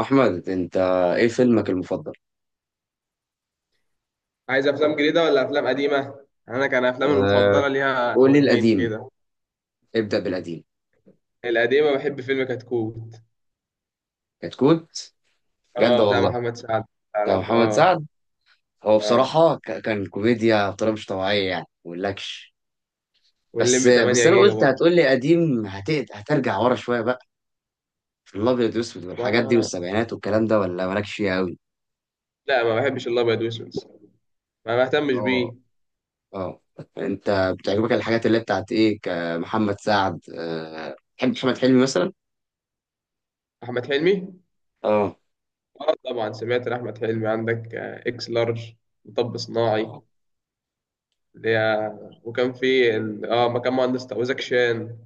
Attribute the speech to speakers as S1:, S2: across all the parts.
S1: أحمد أنت إيه فيلمك المفضل؟
S2: عايز افلام جديده ولا افلام قديمه؟ انا كان افلامي
S1: أه،
S2: المفضله ليها
S1: قول لي
S2: وجهين
S1: القديم.
S2: كده.
S1: ابدأ بالقديم.
S2: القديمه بحب فيلم كتكوت.
S1: كتكوت، بجد
S2: اه، بتاع
S1: والله.
S2: محمد سعد.
S1: ده
S2: تعرف
S1: محمد
S2: اه.
S1: سعد. هو
S2: اه،
S1: بصراحة كان كوميديا بطريقة مش طبيعية يعني ما أقولكش. بس
S2: واللمبي
S1: بس
S2: 8
S1: أنا
S2: جيجا
S1: قلت
S2: برضه.
S1: هتقول لي قديم، هترجع ورا شوية بقى. في الأبيض والأسود والحاجات دي
S2: ما
S1: والسبعينات والكلام ده ولا مالكش فيها أوي؟
S2: لا ما بحبش الابيض واسود الصراحة. ما بهتمش
S1: أه،
S2: بيه.
S1: أه. أنت بتعجبك الحاجات اللي بتاعت إيه كمحمد سعد، أه تحب محمد حلمي مثلا؟
S2: احمد حلمي.
S1: أه،
S2: اه طبعا سمعت احمد حلمي عندك اكس لارج، مطب صناعي.
S1: أه.
S2: اللي هي، وكان في مكان مهندس وزاك شان.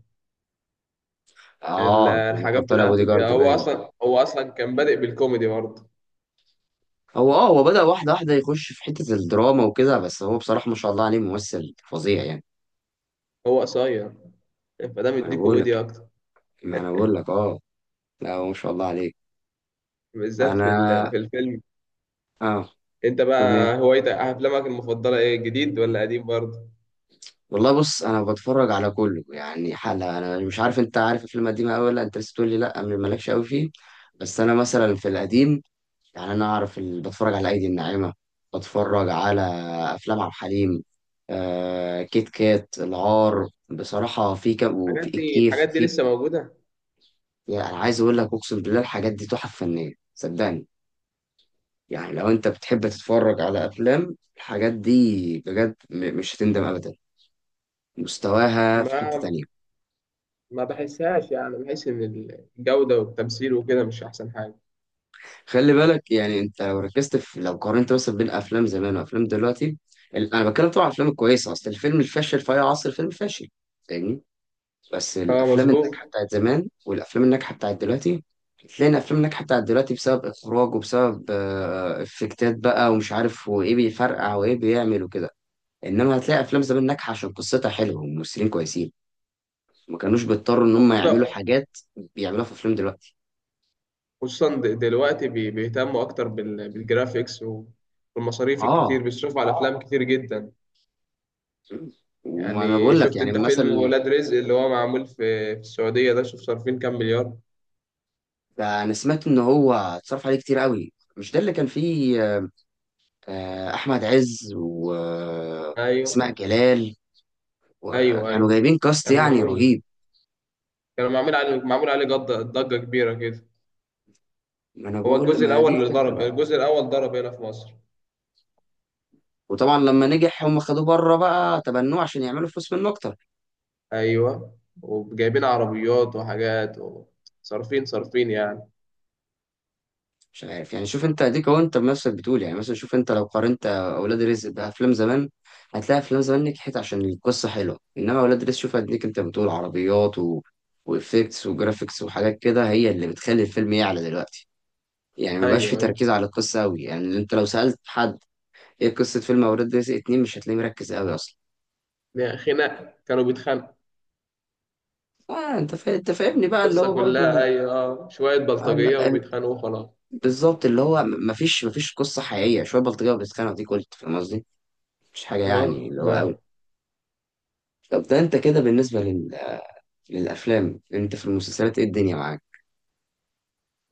S2: ال-
S1: آه، لما كان
S2: الحاجات
S1: طالع بودي
S2: بتاعته دي،
S1: جارد
S2: هو
S1: باين.
S2: اصلا هو اصلا كان بادئ بالكوميدي برضه.
S1: هو بدأ واحدة واحدة يخش في حتة الدراما وكده، بس هو بصراحة ما شاء الله عليه ممثل فظيع يعني.
S2: هو قصير فده
S1: ما انا
S2: مديه
S1: بقول
S2: كوميديا
S1: لك
S2: اكتر،
S1: ما انا بقول لك اه. لا هو ما شاء الله عليه.
S2: بالذات في
S1: انا
S2: الفيلم.
S1: اه
S2: انت
S1: فيلم
S2: بقى
S1: ايه.
S2: هوايتك افلامك المفضله ايه، جديد ولا قديم برضه؟
S1: والله بص، انا بتفرج على كله يعني حلقة. انا مش عارف انت عارف الفيلم القديم قوي ولا انت لسه تقول لي لا، مالكش قوي فيه. بس انا مثلا في القديم، يعني انا اعرف بتفرج على ايدي الناعمة، بتفرج على افلام عبد الحليم، آه، كيت كات، العار. بصراحة في كم
S2: الحاجات
S1: وفي
S2: دي
S1: الكيف.
S2: الحاجات دي
S1: في
S2: لسه موجوده.
S1: يعني أنا عايز أقول لك، أقسم بالله الحاجات دي تحف فنية صدقني. يعني لو أنت بتحب تتفرج على أفلام، الحاجات دي بجد مش هتندم أبدا. مستواها في حتة
S2: ما
S1: تانية.
S2: ما بحسهاش، يعني بحس ان الجوده والتمثيل وكده مش احسن حاجه.
S1: خلي بالك، يعني أنت لو ركزت في لو قارنت مثلا بين أفلام زمان وأفلام دلوقتي. أنا بتكلم طبعا عن الأفلام الكويسة. أصل الفيلم الفاشل في أي عصر فيلم فاشل، فاهمني؟ بس
S2: اه
S1: الأفلام الناجحة
S2: مظبوط.
S1: بتاعت زمان والأفلام الناجحة بتاعت دلوقتي، تلاقي الافلام الناجحه بتاعت دلوقتي بسبب اخراج وبسبب افكتات بقى ومش عارف وايه بيفرقع وايه بيعمل وكده. انما هتلاقي افلام زمان ناجحه عشان قصتها حلوه وممثلين كويسين، ما كانوش بيضطروا ان هم يعملوا
S2: وخصوصا
S1: حاجات بيعملوها في افلام دلوقتي.
S2: خصوصا دلوقتي بيهتموا اكتر بالجرافيكس، والمصاريف الكتير
S1: اه،
S2: بيصرفوا على افلام كتير جدا.
S1: وما انا
S2: يعني
S1: بقول لك
S2: شفت
S1: يعني
S2: انت فيلم
S1: مثلا،
S2: ولاد رزق اللي هو معمول في السعوديه ده، شوف صارفين كام مليار.
S1: ده انا سمعت ان هو اتصرف عليه كتير قوي. مش ده اللي كان فيه احمد عز
S2: ايوه،
S1: واسماء جلال؟
S2: ايوه،
S1: وكانوا
S2: ايوه.
S1: جايبين كاست
S2: كان
S1: يعني
S2: معمول
S1: رهيب.
S2: كان معمول عليه ضجه كبيره كده.
S1: ما انا
S2: هو
S1: بقول،
S2: الجزء
S1: ما دي
S2: الاول اللي
S1: الفكره
S2: ضرب
S1: بقى.
S2: الجزء الاول ضرب هنا في مصر.
S1: وطبعا لما نجح هم خدوه بره بقى، تبنوه عشان يعملوا فلوس منه اكتر.
S2: ايوه، وجايبين عربيات وحاجات صارفين يعني.
S1: مش عارف يعني، شوف انت اديك اهو، انت بنفسك بتقول يعني مثلا، شوف انت لو قارنت اولاد رزق بافلام زمان، هتلاقي افلام زمان نجحت عشان القصه حلوه، انما اولاد رزق شوف اديك انت بتقول عربيات وافكتس وجرافيكس وحاجات كده هي اللي بتخلي الفيلم يعلى دلوقتي. يعني مبقاش في
S2: ايوه، ايوه،
S1: تركيز على القصه قوي. يعني انت لو سالت حد ايه قصه فيلم اولاد رزق اتنين، مش هتلاقيه مركز قوي اصلا.
S2: يعني خناق كانوا بيتخانقوا.
S1: اه، انت انت فاهمني بقى، اللي
S2: القصه
S1: هو
S2: كلها،
S1: برضو
S2: ايوه، شويه
S1: آه،
S2: بلطجيه
S1: ال- ال-
S2: وبيتخانقوا خلاص.
S1: بالظبط، اللي هو مفيش قصه حقيقيه، شويه بلطجيه وبيتخانقوا دي. قلت فاهم قصدي؟ مش حاجه يعني
S2: اه
S1: اللي هو.
S2: ما-
S1: طب ده انت كده بالنسبة للأفلام، انت في المسلسلات ايه الدنيا معاك؟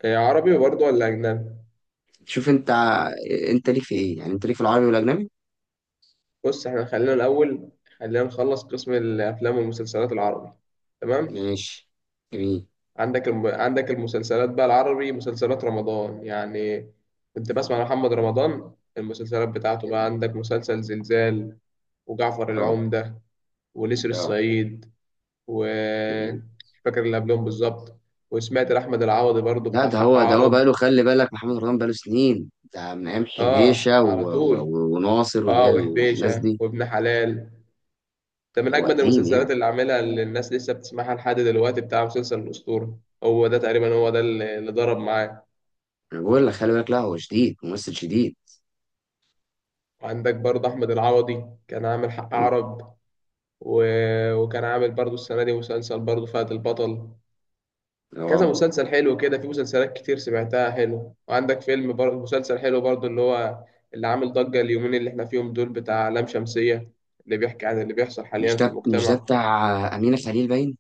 S2: إيه، عربي برضه ولا اجنبي؟
S1: شوف انت انت ليك في ايه؟ يعني انت ليك في العربي والأجنبي؟
S2: بص احنا خلينا الاول، خلينا نخلص قسم الافلام والمسلسلات العربي. تمام.
S1: ماشي، جميل.
S2: عندك المسلسلات بقى العربي، مسلسلات رمضان يعني. كنت بسمع
S1: اه،
S2: محمد رمضان، المسلسلات بتاعته بقى،
S1: جميل.
S2: عندك مسلسل زلزال وجعفر
S1: اه،
S2: العمدة ونسر
S1: اه،
S2: الصعيد، و
S1: جميل.
S2: مش فاكر اللي قبلهم بالظبط. وسمعت لأحمد العوضي برضو
S1: لا،
S2: بتاع
S1: ده
S2: حق
S1: هو ده هو
S2: عرب.
S1: بقاله، خلي بالك، محمد رمضان بقاله سنين، ده من أيام
S2: اه
S1: حبيشة
S2: على طول.
S1: وناصر واللي
S2: اه،
S1: هي الناس
S2: وحبيشة
S1: دي.
S2: وابن حلال، ده من
S1: هو
S2: أجمد
S1: قديم يعني.
S2: المسلسلات اللي عاملها، اللي الناس لسه بتسمعها لحد دلوقتي بتاع مسلسل الأسطورة. هو ده تقريبا، هو ده اللي ضرب معايا.
S1: أنا بقول لك، خلي بالك، لا هو شديد، ممثل شديد.
S2: عندك برضه أحمد العوضي كان عامل حق عرب، و... وكان عامل برضه السنة دي مسلسل برضه فهد البطل. كذا
S1: اه،
S2: مسلسل حلو كده، في مسلسلات كتير سمعتها حلو. وعندك فيلم برضه، مسلسل حلو برضه اللي هو، اللي عامل ضجة اليومين اللي احنا فيهم دول، بتاع لام شمسية، اللي بيحكي عن اللي بيحصل
S1: مش
S2: حاليا في
S1: ده مش ده
S2: المجتمع.
S1: بتاع أمينة خليل باين،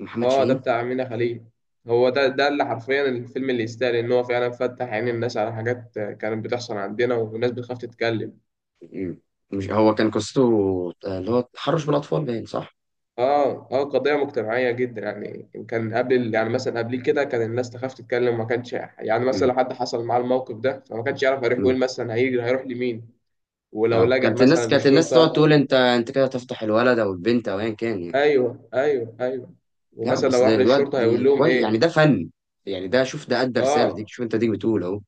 S1: محمد
S2: اه، ده
S1: شاهين.
S2: بتاع أمينة خليل. هو ده اللي حرفيا الفيلم اللي يستاهل ان هو فعلا فتح عين الناس على حاجات كانت بتحصل عندنا والناس بتخاف تتكلم.
S1: مم. مش هو كان قصته اللي هو تحرش بالاطفال باين، صح؟
S2: اه، اه، قضية مجتمعية جدا يعني. كان قبل يعني مثلا قبل كده كان الناس تخاف تتكلم، ما كانش يعني مثلا
S1: مم.
S2: لو حد حصل معاه الموقف ده فما كانش يعرف هيروح
S1: مم.
S2: يقول مثلا، هيجري هيروح لمين، ولو
S1: اه،
S2: لجأ
S1: كانت الناس،
S2: مثلا
S1: كانت الناس تقعد
S2: للشرطة.
S1: تقول انت كده تفضح الولد او البنت او ايا كان يعني.
S2: ايوه، ايوه، ايوه.
S1: لا
S2: ومثلا
S1: بس
S2: لو
S1: ده
S2: راح للشرطة هيقول
S1: دلوقتي
S2: لهم
S1: كويس، يعني ده
S2: ايه؟
S1: فن. يعني ده، شوف ده ادى رساله، ديك
S2: اه،
S1: شوف انت ديك بتقول اهو.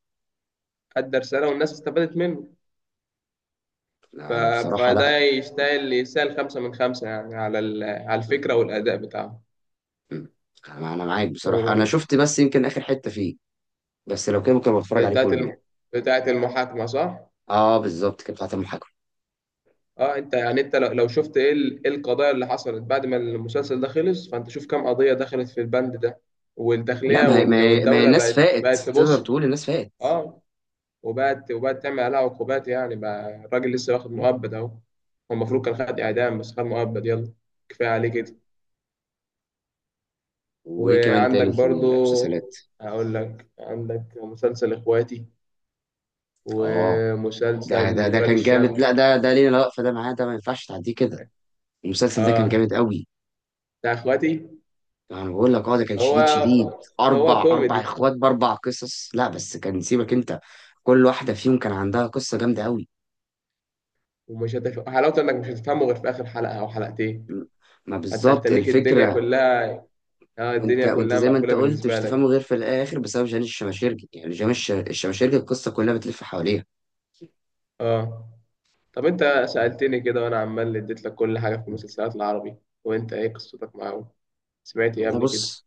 S2: ادى رسالة والناس استفادت منه. ف...
S1: لا، انا بصراحه لا.
S2: فده يستاهل خمسة من خمسة يعني، على الفكرة والأداء بتاعه.
S1: مم. انا معاك بصراحه. انا
S2: و...
S1: شفت بس يمكن اخر حته فيه، بس لو كده ممكن أبقى اتفرج عليه
S2: بتاعت
S1: كله
S2: الم...
S1: يعني.
S2: بتاعت المحاكمة صح؟
S1: اه، بالظبط كده، بتاعت المحاكمه.
S2: اه، انت يعني، انت لو شفت إيه القضايا اللي حصلت بعد ما المسلسل ده خلص، فانت شوف كم قضية دخلت في البند ده.
S1: لا
S2: والداخلية
S1: ما هي، ما
S2: وال-
S1: هي ما هي
S2: والدولة
S1: الناس
S2: بقت
S1: فاقت. تقدر
S2: تبص.
S1: تقول الناس فاقت.
S2: اه، وبقت تعمل عليها عقوبات. يعني بقى الراجل لسه واخد
S1: مم.
S2: مؤبد، اهو هو
S1: مم.
S2: المفروض كان خد اعدام بس خد مؤبد، يلا كفاية عليه كده.
S1: وايه كمان
S2: وعندك
S1: تاني في
S2: برضو،
S1: المسلسلات؟
S2: هقول لك عندك مسلسل اخواتي
S1: اه، ده،
S2: ومسلسل
S1: ده
S2: ولاد
S1: كان جامد. لا
S2: الشمس.
S1: ده، ليه لا، فده معاه، ده ما ينفعش تعديه كده. المسلسل ده كان جامد
S2: اه،
S1: قوي.
S2: بتاع اخواتي.
S1: انا بقول لك اه، ده كان
S2: هو
S1: شديد شديد.
S2: هو
S1: اربع
S2: كوميدي.
S1: اخوات باربع قصص، لا بس كان سيبك انت، كل واحده فيهم كان عندها قصه جامده قوي.
S2: حلاوته انك مش هتفهمه غير في اخر حلقه او حلقتين.
S1: م- ما
S2: انت
S1: بالظبط
S2: هتنيك الدنيا
S1: الفكره.
S2: كلها. اه،
S1: وانت
S2: الدنيا
S1: وانت
S2: كلها
S1: زي ما انت
S2: مقفوله
S1: قلت، مش
S2: بالنسبه
S1: تفهمه
S2: لك.
S1: غير في الاخر بسبب جاني الشماشيرجي، يعني جاني الشماشيرجي، القصه كلها بتلف حواليها.
S2: اه، طب انت سالتني كده وانا عمال اديت لك كل حاجه في المسلسلات العربي، وانت ايه قصتك معاهم؟ سمعت ايه
S1: والله
S2: قبل كده؟
S1: بص،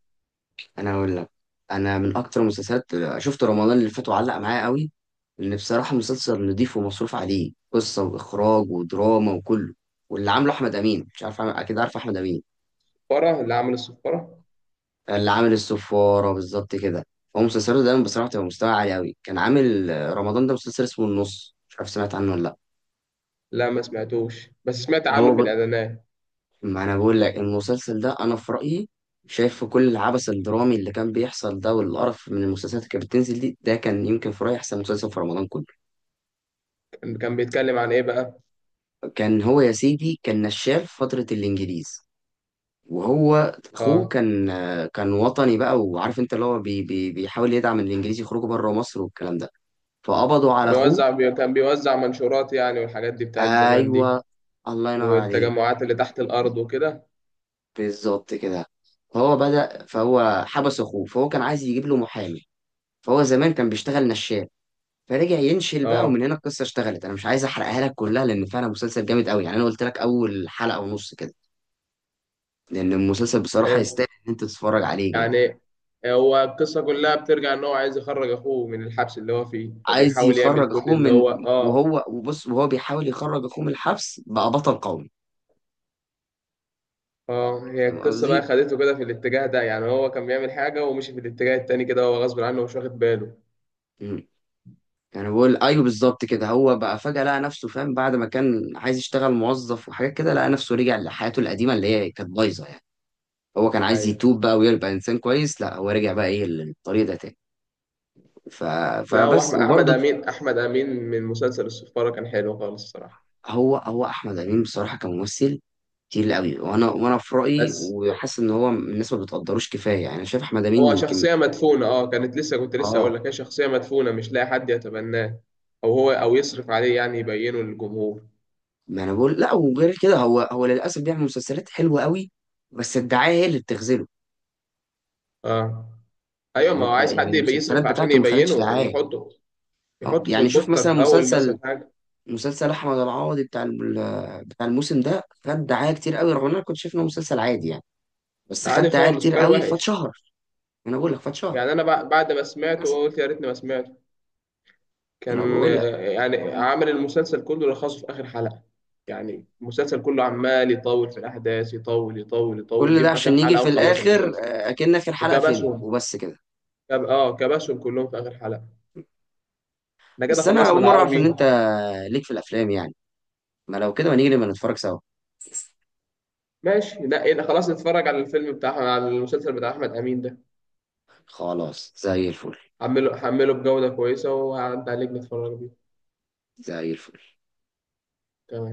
S1: انا اقول لك، انا من اكتر المسلسلات شفت رمضان اللي فات وعلق معايا قوي، لان بصراحه مسلسل نضيف، ومصروف عليه قصه واخراج ودراما وكله، واللي عامله احمد امين. مش عارف اكيد عارف احمد امين،
S2: فرع اللي عمل الصفاره.
S1: اللي عامل السفاره، بالظبط كده. هو مسلسله دايما بصراحه بتبقى مستوى عالي قوي. كان عامل رمضان ده مسلسل اسمه النص، مش عارف سمعت عنه ولا لا.
S2: لا، ما سمعتوش بس سمعت
S1: هو
S2: عنه في
S1: ب...
S2: الاعلانات.
S1: ما انا بقول لك المسلسل ده انا في رايي شايف، في كل العبث الدرامي اللي كان بيحصل ده والقرف من المسلسلات اللي كانت بتنزل دي، ده كان يمكن في رايي احسن مسلسل في رمضان كله.
S2: كان بيتكلم عن ايه بقى؟
S1: كان هو يا سيدي كان نشال في فترة الإنجليز، وهو أخوه
S2: اه،
S1: كان، كان وطني بقى، وعارف أنت اللي هو بي بيحاول يدعم الإنجليز يخرجوا بره مصر والكلام ده، فقبضوا على أخوه.
S2: كان بيوزع منشورات يعني، والحاجات دي بتاعت زمان دي،
S1: أيوه، الله ينور عليك،
S2: والتجمعات اللي تحت الارض وكده.
S1: بالظبط كده. فهو بدأ، فهو حبس أخوه، فهو كان عايز يجيب له محامي، فهو زمان كان بيشتغل نشال، فرجع ينشل بقى، ومن
S2: اه
S1: هنا القصة اشتغلت. أنا مش عايز أحرقها لك كلها، لأن فعلا مسلسل جامد قوي يعني. أنا قلت لك أول حلقة ونص كده، لأن المسلسل بصراحة يستاهل إن أنت تتفرج عليه جامد.
S2: يعني، هو القصة كلها بترجع إن هو عايز يخرج أخوه من الحبس اللي هو فيه،
S1: عايز
S2: فبيحاول يعمل
S1: يخرج
S2: كل
S1: اخوه
S2: اللي
S1: من،
S2: هو آه
S1: وهو بيحاول يخرج اخوه من الحبس، بقى بطل قومي.
S2: آه، هي
S1: فاهم
S2: القصة
S1: قصدي؟
S2: بقى خدته كده في الاتجاه ده، يعني هو كان بيعمل حاجة ومشي في الاتجاه التاني كده، هو غصب عنه ومش واخد باله.
S1: مم. يعني بقول ايوه، بالظبط كده، هو بقى فجأة لقى نفسه، فاهم، بعد ما كان عايز يشتغل موظف وحاجات كده، لقى نفسه رجع لحياته القديمة اللي هي كانت بايظة يعني. هو كان عايز
S2: أيوة.
S1: يتوب بقى ويبقى انسان كويس، لا هو رجع بقى ايه للطريق ده تاني. ف...
S2: لا، هو
S1: فبس،
S2: أحمد أحمد
S1: وبرضه
S2: أمين أحمد أمين من مسلسل السفارة كان حلو خالص الصراحة.
S1: هو احمد امين بصراحة كممثل كتير قوي. وانا في رايي
S2: بس
S1: وحاسس ان هو الناس ما بتقدروش كفايه يعني. انا شايف احمد امين
S2: هو
S1: يمكن،
S2: شخصية مدفونة، كانت لسه كنت لسه أقول
S1: اه،
S2: لك، هي شخصية مدفونة مش لاقي حد يتبناه، أو يصرف عليه، يعني يبينه للجمهور.
S1: ما انا بقول، لا وغير كده هو للاسف بيعمل مسلسلات حلوه قوي، بس الدعايه هي اللي بتخذله.
S2: آه. ايوه،
S1: يعني
S2: ما هو
S1: انت،
S2: عايز
S1: يعني
S2: حد يبقى
S1: المسلسلات
S2: يصرف عشان
S1: بتاعته ما خدتش
S2: يبينه،
S1: دعايه.
S2: يحطه،
S1: اه،
S2: يحطه في
S1: يعني شوف
S2: البوستر
S1: مثلا
S2: في اول مثلا حاجه.
S1: مسلسل احمد العوضي بتاع بتاع الموسم ده خد دعايه كتير قوي، رغم ان انا كنت شايف انه مسلسل عادي يعني، بس خد
S2: عادي
S1: دعايه
S2: خالص
S1: كتير
S2: وكان
S1: قوي
S2: وحش.
S1: فاتشهر. انا بقول لك فاتشهر،
S2: يعني انا بعد ما سمعته
S1: للأسف.
S2: قلت يا ريتني ما سمعته.
S1: انا
S2: كان
S1: بقول لك،
S2: يعني عامل المسلسل كله لخصه في اخر حلقه. يعني المسلسل كله عمال يطول في الاحداث، يطول يطول يطول،
S1: كل
S2: جه
S1: ده
S2: في اخر
S1: عشان يجي
S2: حلقه
S1: في
S2: وخلص
S1: الاخر
S2: المسلسل.
S1: اكن اخر حلقه فيلم
S2: وكبسهم،
S1: وبس كده.
S2: كب... اه كبسهم كلهم في اخر حلقه. احنا كده
S1: بس انا
S2: خلصنا
S1: اول مره اعرف ان
S2: العربي.
S1: انت ليك في الافلام يعني. ما لو كده، ما نيجي نبقى نتفرج سوا.
S2: ماشي. لا إيه ده، خلاص نتفرج على الفيلم بتاع على المسلسل بتاع احمد امين ده.
S1: خلاص، زي الفل.
S2: هحمله بجودة كويسة وهعدي عليك نتفرج بيه.
S1: زي الفل.
S2: تمام.